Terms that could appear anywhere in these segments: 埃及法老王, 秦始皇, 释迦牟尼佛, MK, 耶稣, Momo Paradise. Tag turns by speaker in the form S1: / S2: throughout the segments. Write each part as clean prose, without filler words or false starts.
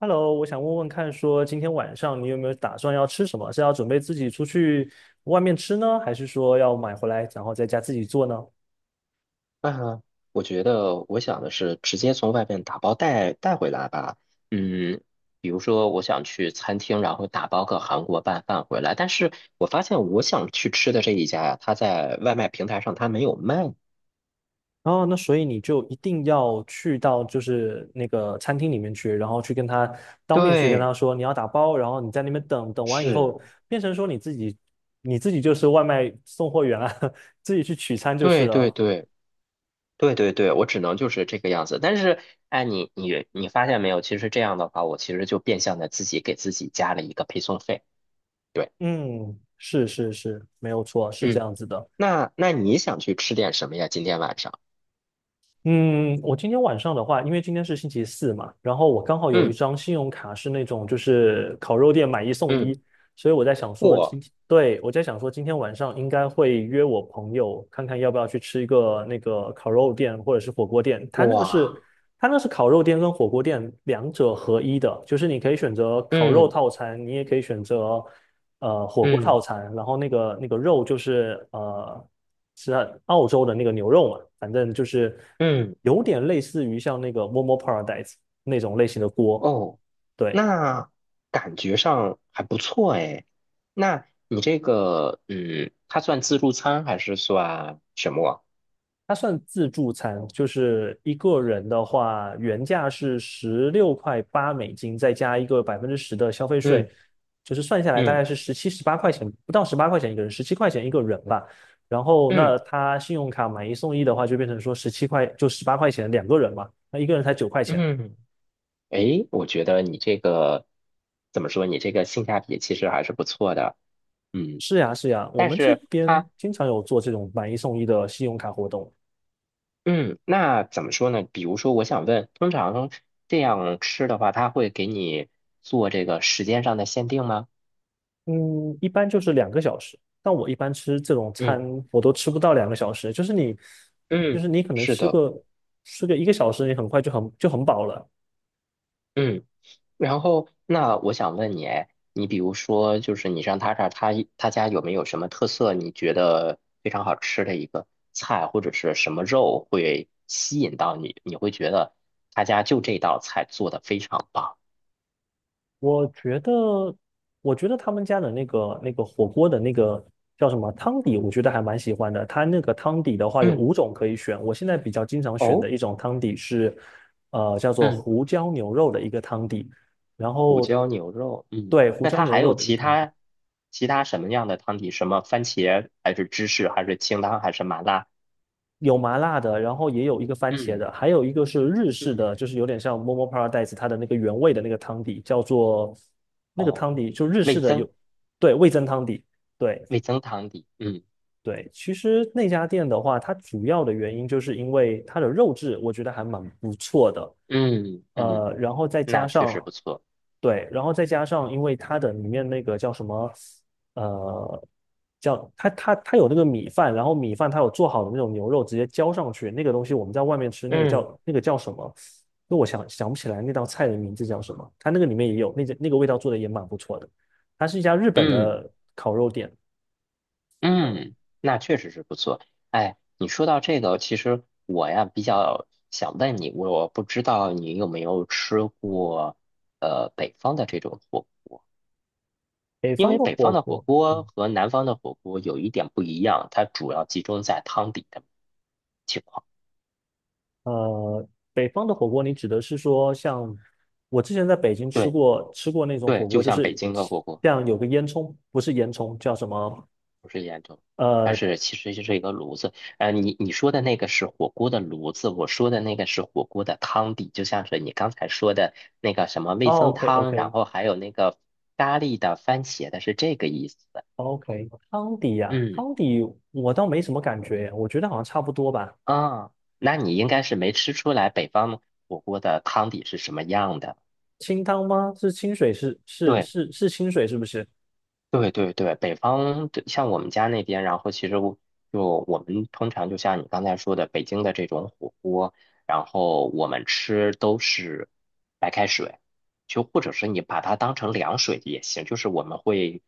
S1: Hello,我想问问看，说今天晚上你有没有打算要吃什么？是要准备自己出去外面吃呢，还是说要买回来然后在家自己做呢？
S2: 啊，我觉得我想的是直接从外面打包带回来吧。嗯，比如说我想去餐厅，然后打包个韩国拌饭回来，但是我发现我想去吃的这一家呀，他在外卖平台上他没有卖。
S1: 哦，那所以你就一定要去到就是那个餐厅里面去，然后去跟他当面去跟
S2: 对，
S1: 他说你要打包，然后你在那边等等完以后，
S2: 是，
S1: 变成说你自己就是外卖送货员啊，自己去取餐就是
S2: 对对
S1: 了。
S2: 对，对，我只能就是这个样子。但是，哎，你发现没有？其实这样的话，我其实就变相的自己给自己加了一个配送费。对，
S1: 嗯，是是是，没有错，是这
S2: 嗯，
S1: 样子的。
S2: 那你想去吃点什么呀？今天晚上？
S1: 嗯，我今天晚上的话，因为今天是星期四嘛，然后我刚好有一
S2: 嗯。
S1: 张信用卡是那种就是烤肉店买一送
S2: 嗯，
S1: 一，所以我在想说今天，对，我在想说今天晚上应该会约我朋友看看要不要去吃一个那个烤肉店或者是火锅店，它那个
S2: 哇，
S1: 是它那是烤肉店跟火锅店两者合一的，就是你可以选择烤肉
S2: 嗯
S1: 套餐，你也可以选择。火锅
S2: 嗯
S1: 套餐，然后那个肉就是是澳洲的那个牛肉嘛，反正就是
S2: 嗯，
S1: 有点类似于像那个 Momo Paradise 那种类型的锅，
S2: 哦，
S1: 对，
S2: 那感觉上还不错哎。那你这个，嗯，它算自助餐还是算什么啊？
S1: 它算自助餐，就是一个人的话，原价是16.8美金，再加一个10%的消费税，
S2: 嗯
S1: 就是算下来大
S2: 嗯
S1: 概是17、18块钱，不到十八块钱一个人，17块钱一个人吧。然后那
S2: 嗯
S1: 他信用卡买一送一的话，就变成说十七块，就十八块钱两个人嘛，那一个人才9块钱。
S2: 嗯，诶，我觉得你这个怎么说？你这个性价比其实还是不错的。嗯，
S1: 是呀，是呀，我
S2: 但
S1: 们这
S2: 是
S1: 边
S2: 它，
S1: 经常有做这种买一送一的信用卡活动。
S2: 嗯，那怎么说呢？比如说，我想问，通常这样吃的话，它会给你做这个时间上的限定吗？
S1: 嗯，一般就是两个小时，但我一般吃这种餐，
S2: 嗯。
S1: 我都吃不到两个小时。就是你，就
S2: 嗯，
S1: 是你可能
S2: 是
S1: 吃
S2: 的，
S1: 个吃个1个小时，你很快就很饱了。
S2: 嗯，然后那我想问你，哎，你比如说，就是你上他这儿，他他家有没有什么特色？你觉得非常好吃的一个菜，或者是什么肉会吸引到你？你会觉得他家就这道菜做的非常棒。
S1: 我觉得，我觉得他们家的那个火锅的那个叫什么汤底，我觉得还蛮喜欢的。它那个汤底的话有
S2: 嗯，
S1: 5种可以选，我现在比较经常选的
S2: 哦，
S1: 一种汤底是，叫做
S2: 嗯
S1: 胡椒牛肉的一个汤底。然
S2: 胡
S1: 后，
S2: 椒牛肉，嗯，
S1: 对，胡
S2: 那
S1: 椒
S2: 它
S1: 牛
S2: 还
S1: 肉
S2: 有
S1: 的一个
S2: 其
S1: 汤
S2: 他其他什么样的汤底？什么番茄还是芝士还是清汤还是麻辣？
S1: 有麻辣的，然后也有一个番茄
S2: 嗯
S1: 的，还有一个是日式
S2: 嗯，
S1: 的，就是有点像 Momo Paradise 它的那个原味的那个汤底，叫做那个
S2: 哦，
S1: 汤底就日式
S2: 味
S1: 的有，
S2: 增。
S1: 对，味增汤底，对
S2: 味增汤底，嗯
S1: 对。其实那家店的话，它主要的原因就是因为它的肉质我觉得还蛮不错的，
S2: 嗯嗯，
S1: 然后再
S2: 那
S1: 加
S2: 确实
S1: 上
S2: 不错，
S1: 对，然后再加上，因为它的里面那个叫什么，呃，叫它有那个米饭，然后米饭它有做好的那种牛肉直接浇上去，那个东西我们在外面吃，
S2: 嗯
S1: 那个叫什么？那我想想不起来那道菜的名字叫什么。它那个里面也有那个味道做的也蛮不错的。它是一家日本
S2: 嗯
S1: 的烤肉店，
S2: 嗯，那确实是不错。哎，你说到这个，其实我呀比较想问你，我不知道你有没有吃过北方的这种火锅，
S1: 北
S2: 因
S1: 方
S2: 为
S1: 的
S2: 北
S1: 火
S2: 方的火
S1: 锅。
S2: 锅
S1: 嗯
S2: 和南方的火锅有一点不一样，它主要集中在汤底的情况。
S1: 呃，北方的火锅，你指的是说像我之前在北京吃
S2: 对
S1: 过吃过那种
S2: 对，
S1: 火
S2: 就
S1: 锅，就
S2: 像北
S1: 是
S2: 京的火锅。
S1: 像有个烟囱，不是烟囱，叫什么？
S2: 不是烟囱，它
S1: 呃
S2: 是其实就是一个炉子。你你说的那个是火锅的炉子，我说的那个是火锅的汤底，就像是你刚才说的那个什么味增
S1: ，OK
S2: 汤，然
S1: OK
S2: 后还有那个咖喱的、番茄的，是这个意思。
S1: OK,汤底呀、
S2: 嗯
S1: 汤底我倒没什么感觉耶我觉得好像差不多吧。
S2: 啊，那你应该是没吃出来北方火锅的汤底是什么样的。
S1: 清汤吗？是清水是是
S2: 对。
S1: 是是清水是不是？
S2: 对对对，北方的像我们家那边，然后其实我就我们通常就像你刚才说的，北京的这种火锅，然后我们吃都是白开水，就或者是你把它当成凉水也行，就是我们会，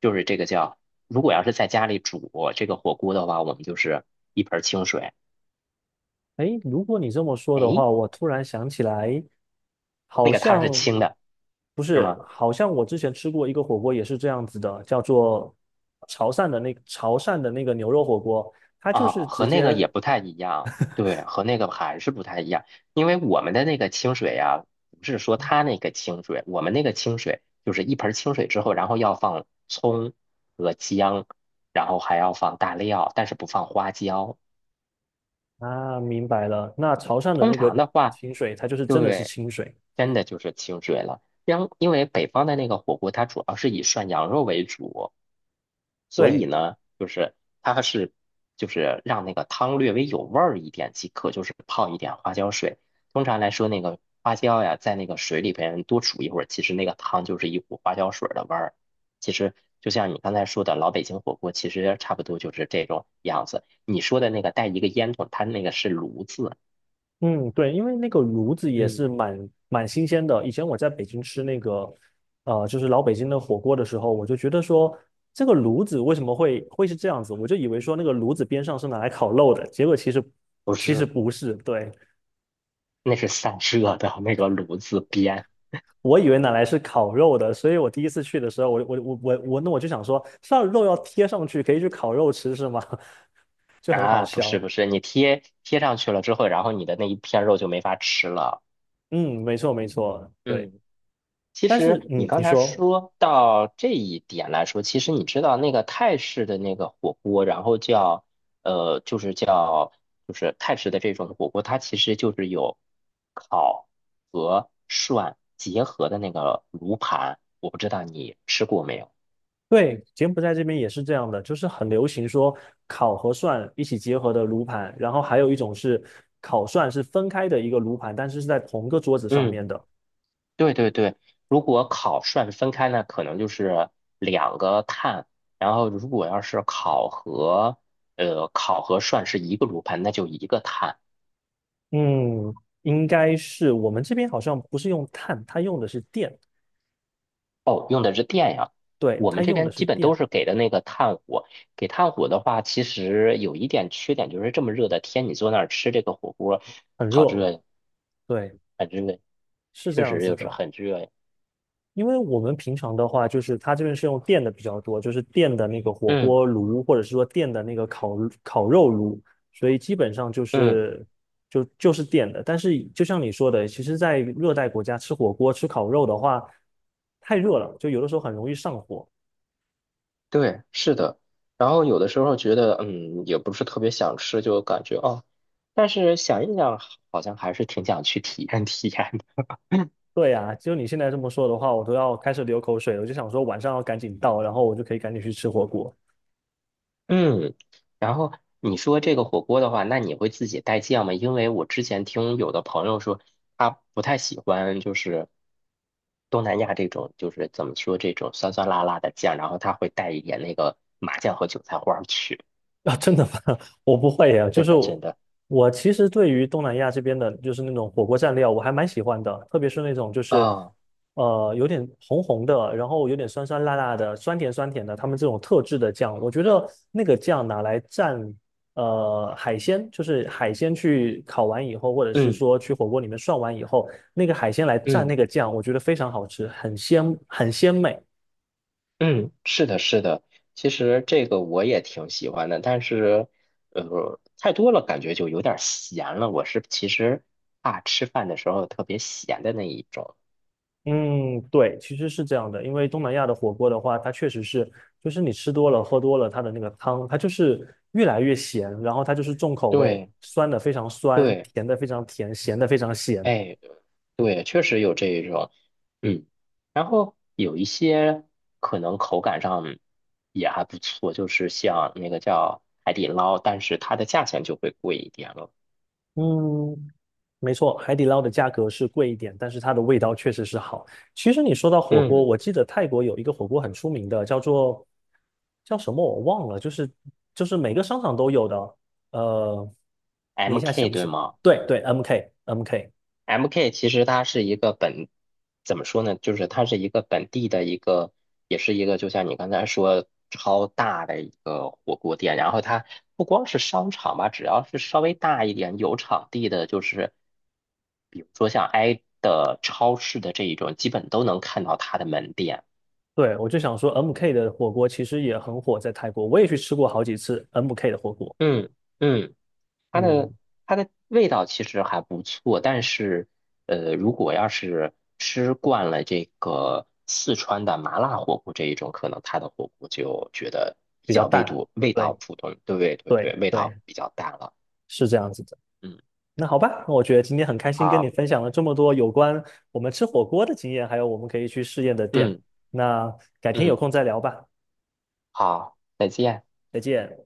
S2: 就是这个叫，如果要是在家里煮这个火锅的话，我们就是一盆儿清水，
S1: 诶，如果你这么说的
S2: 诶，
S1: 话，我突然想起来，
S2: 那
S1: 好
S2: 个汤是
S1: 像
S2: 清的，
S1: 不
S2: 是
S1: 是，
S2: 吗？
S1: 好像我之前吃过一个火锅也是这样子的，叫做潮汕的那个牛肉火锅，它就
S2: 啊，
S1: 是直
S2: 和那个
S1: 接
S2: 也不太一样，对，和那个还是不太一样，因为我们的那个清水呀，不是说它那个清水，我们那个清水就是一盆儿清水之后，然后要放葱和姜，然后还要放大料，但是不放花椒。
S1: 啊，明白了，那潮汕的
S2: 通
S1: 那个
S2: 常的话，
S1: 清水，它就是真的是
S2: 对，
S1: 清水，
S2: 真的就是清水了。因为北方的那个火锅，它主要是以涮羊肉为主。所以
S1: 对，
S2: 呢，就是它是就是让那个汤略微有味儿一点即可，就是泡一点花椒水。通常来说，那个花椒呀，在那个水里边多煮一会儿，其实那个汤就是一股花椒水儿的味儿。其实就像你刚才说的，老北京火锅其实差不多就是这种样子。你说的那个带一个烟筒，它那个是炉子，
S1: 嗯，对，因为那个炉子也是
S2: 嗯，
S1: 蛮新鲜的。以前我在北京吃那个，就是老北京的火锅的时候，我就觉得说，这个炉子为什么会是这样子？我就以为说那个炉子边上是拿来烤肉的，结果其实
S2: 不
S1: 其实
S2: 是，
S1: 不是。对，
S2: 那是散热的那个炉子边
S1: 我以为拿来是烤肉的，所以我第一次去的时候，我就想说，上肉要贴上去，可以去烤肉吃是吗？就很好
S2: 啊，不是
S1: 笑。
S2: 不是，你贴贴上去了之后，然后你的那一片肉就没法吃了。
S1: 嗯，没错没错，对。
S2: 嗯，其
S1: 但是
S2: 实你
S1: 嗯，你
S2: 刚才
S1: 说。
S2: 说到这一点来说，其实你知道那个泰式的那个火锅，然后叫就是叫就是泰式的这种火锅，它其实就是有烤和涮结合的那个炉盘，我不知道你吃过没有？
S1: 对，柬埔寨这边也是这样的，就是很流行说烤和涮一起结合的炉盘，然后还有一种是烤涮是分开的一个炉盘，但是是在同个桌子上
S2: 嗯，
S1: 面的。
S2: 对对对，如果烤涮分开呢，可能就是两个碳，然后如果要是烤和烤和涮是一个炉盘，那就一个碳。
S1: 嗯，应该是我们这边好像不是用炭，它用的是电，
S2: 哦，用的是电呀。
S1: 对，
S2: 我
S1: 它
S2: 们这
S1: 用的
S2: 边
S1: 是
S2: 基本
S1: 电，
S2: 都是给的那个炭火。给炭火的话，其实有一点缺点，就是这么热的天，你坐那儿吃这个火锅，
S1: 很
S2: 好
S1: 热，
S2: 热呀，
S1: 对，
S2: 很热呀，
S1: 是这
S2: 确
S1: 样
S2: 实
S1: 子
S2: 就是
S1: 的。
S2: 很热呀。
S1: 因为我们平常的话，就是它这边是用电的比较多，就是电的那个火
S2: 嗯
S1: 锅炉，或者是说电的那个烤肉炉，所以基本上就
S2: 嗯，
S1: 是就是电的。但是就像你说的，其实，在热带国家吃火锅、吃烤肉的话，太热了，就有的时候很容易上火。
S2: 对，是的。然后有的时候觉得，嗯，也不是特别想吃，就感觉哦，但是想一想，好像还是挺想去体验体验的。
S1: 对呀，就你现在这么说的话，我都要开始流口水了。我就想说晚上要赶紧到，然后我就可以赶紧去吃火锅。
S2: 嗯，然后你说这个火锅的话，那你会自己带酱吗？因为我之前听有的朋友说，他不太喜欢就是东南亚这种，就是怎么说这种酸酸辣辣的酱，然后他会带一点那个麻酱和韭菜花儿去。
S1: 啊，真的吗？我不会呀，就
S2: 真
S1: 是
S2: 的，真的
S1: 我其实对于东南亚这边的，就是那种火锅蘸料，我还蛮喜欢的，特别是那种就是
S2: 啊，
S1: 有点红红的，然后有点酸酸辣辣的，酸甜酸甜的，他们这种特制的酱，我觉得那个酱拿来蘸海鲜，就是海鲜去烤完以后，或者是
S2: 嗯
S1: 说去火锅里面涮完以后，那个海鲜来蘸
S2: 嗯
S1: 那个酱，我觉得非常好吃，很鲜很鲜美。
S2: 嗯，是的，是的。其实这个我也挺喜欢的，但是太多了感觉就有点儿咸了。我是其实怕吃饭的时候特别咸的那一种。
S1: 嗯，对，其实是这样的，因为东南亚的火锅的话，它确实是，就是你吃多了、喝多了，它的那个汤，它就是越来越咸，然后它就是重口味，
S2: 对
S1: 酸的非常酸，
S2: 对，
S1: 甜的非常甜，咸的非常咸。
S2: 哎，对，确实有这一种，嗯，然后有一些可能口感上也还不错，就是像那个叫海底捞，但是它的价钱就会贵一点了。
S1: 嗯，没错，海底捞的价格是贵一点，但是它的味道确实是好。其实你说到火锅，
S2: 嗯
S1: 我记得泰国有一个火锅很出名的，叫做叫什么我忘了，就是就是每个商场都有的，呃，我一下想
S2: ，MK
S1: 不起
S2: 对
S1: 来。
S2: 吗？
S1: 对对，MK。
S2: MK 其实它是一个本，怎么说呢？就是它是一个本地的一个，也是一个，就像你刚才说超大的一个火锅店。然后它不光是商场吧，只要是稍微大一点有场地的，就是比如说像挨的超市的这一种，基本都能看到它的门店。
S1: 对，我就想说，MK 的火锅其实也很火，在泰国，我也去吃过好几次 MK 的火锅，
S2: 嗯嗯。它的
S1: 嗯，
S2: 它的味道其实还不错，但是如果要是吃惯了这个四川的麻辣火锅这一种，可能它的火锅就觉得比
S1: 比较
S2: 较味
S1: 淡，
S2: 度味道
S1: 对
S2: 普通，对对对，
S1: 对
S2: 味道
S1: 对，
S2: 比较淡了。
S1: 是这样子的。
S2: 嗯，
S1: 那好吧，那我觉得今天很开心跟你
S2: 好，
S1: 分享了这么多有关我们吃火锅的经验，还有我们可以去试验的店。
S2: 嗯
S1: 那改天有
S2: 嗯，
S1: 空再聊吧，
S2: 好，再见。
S1: 再见。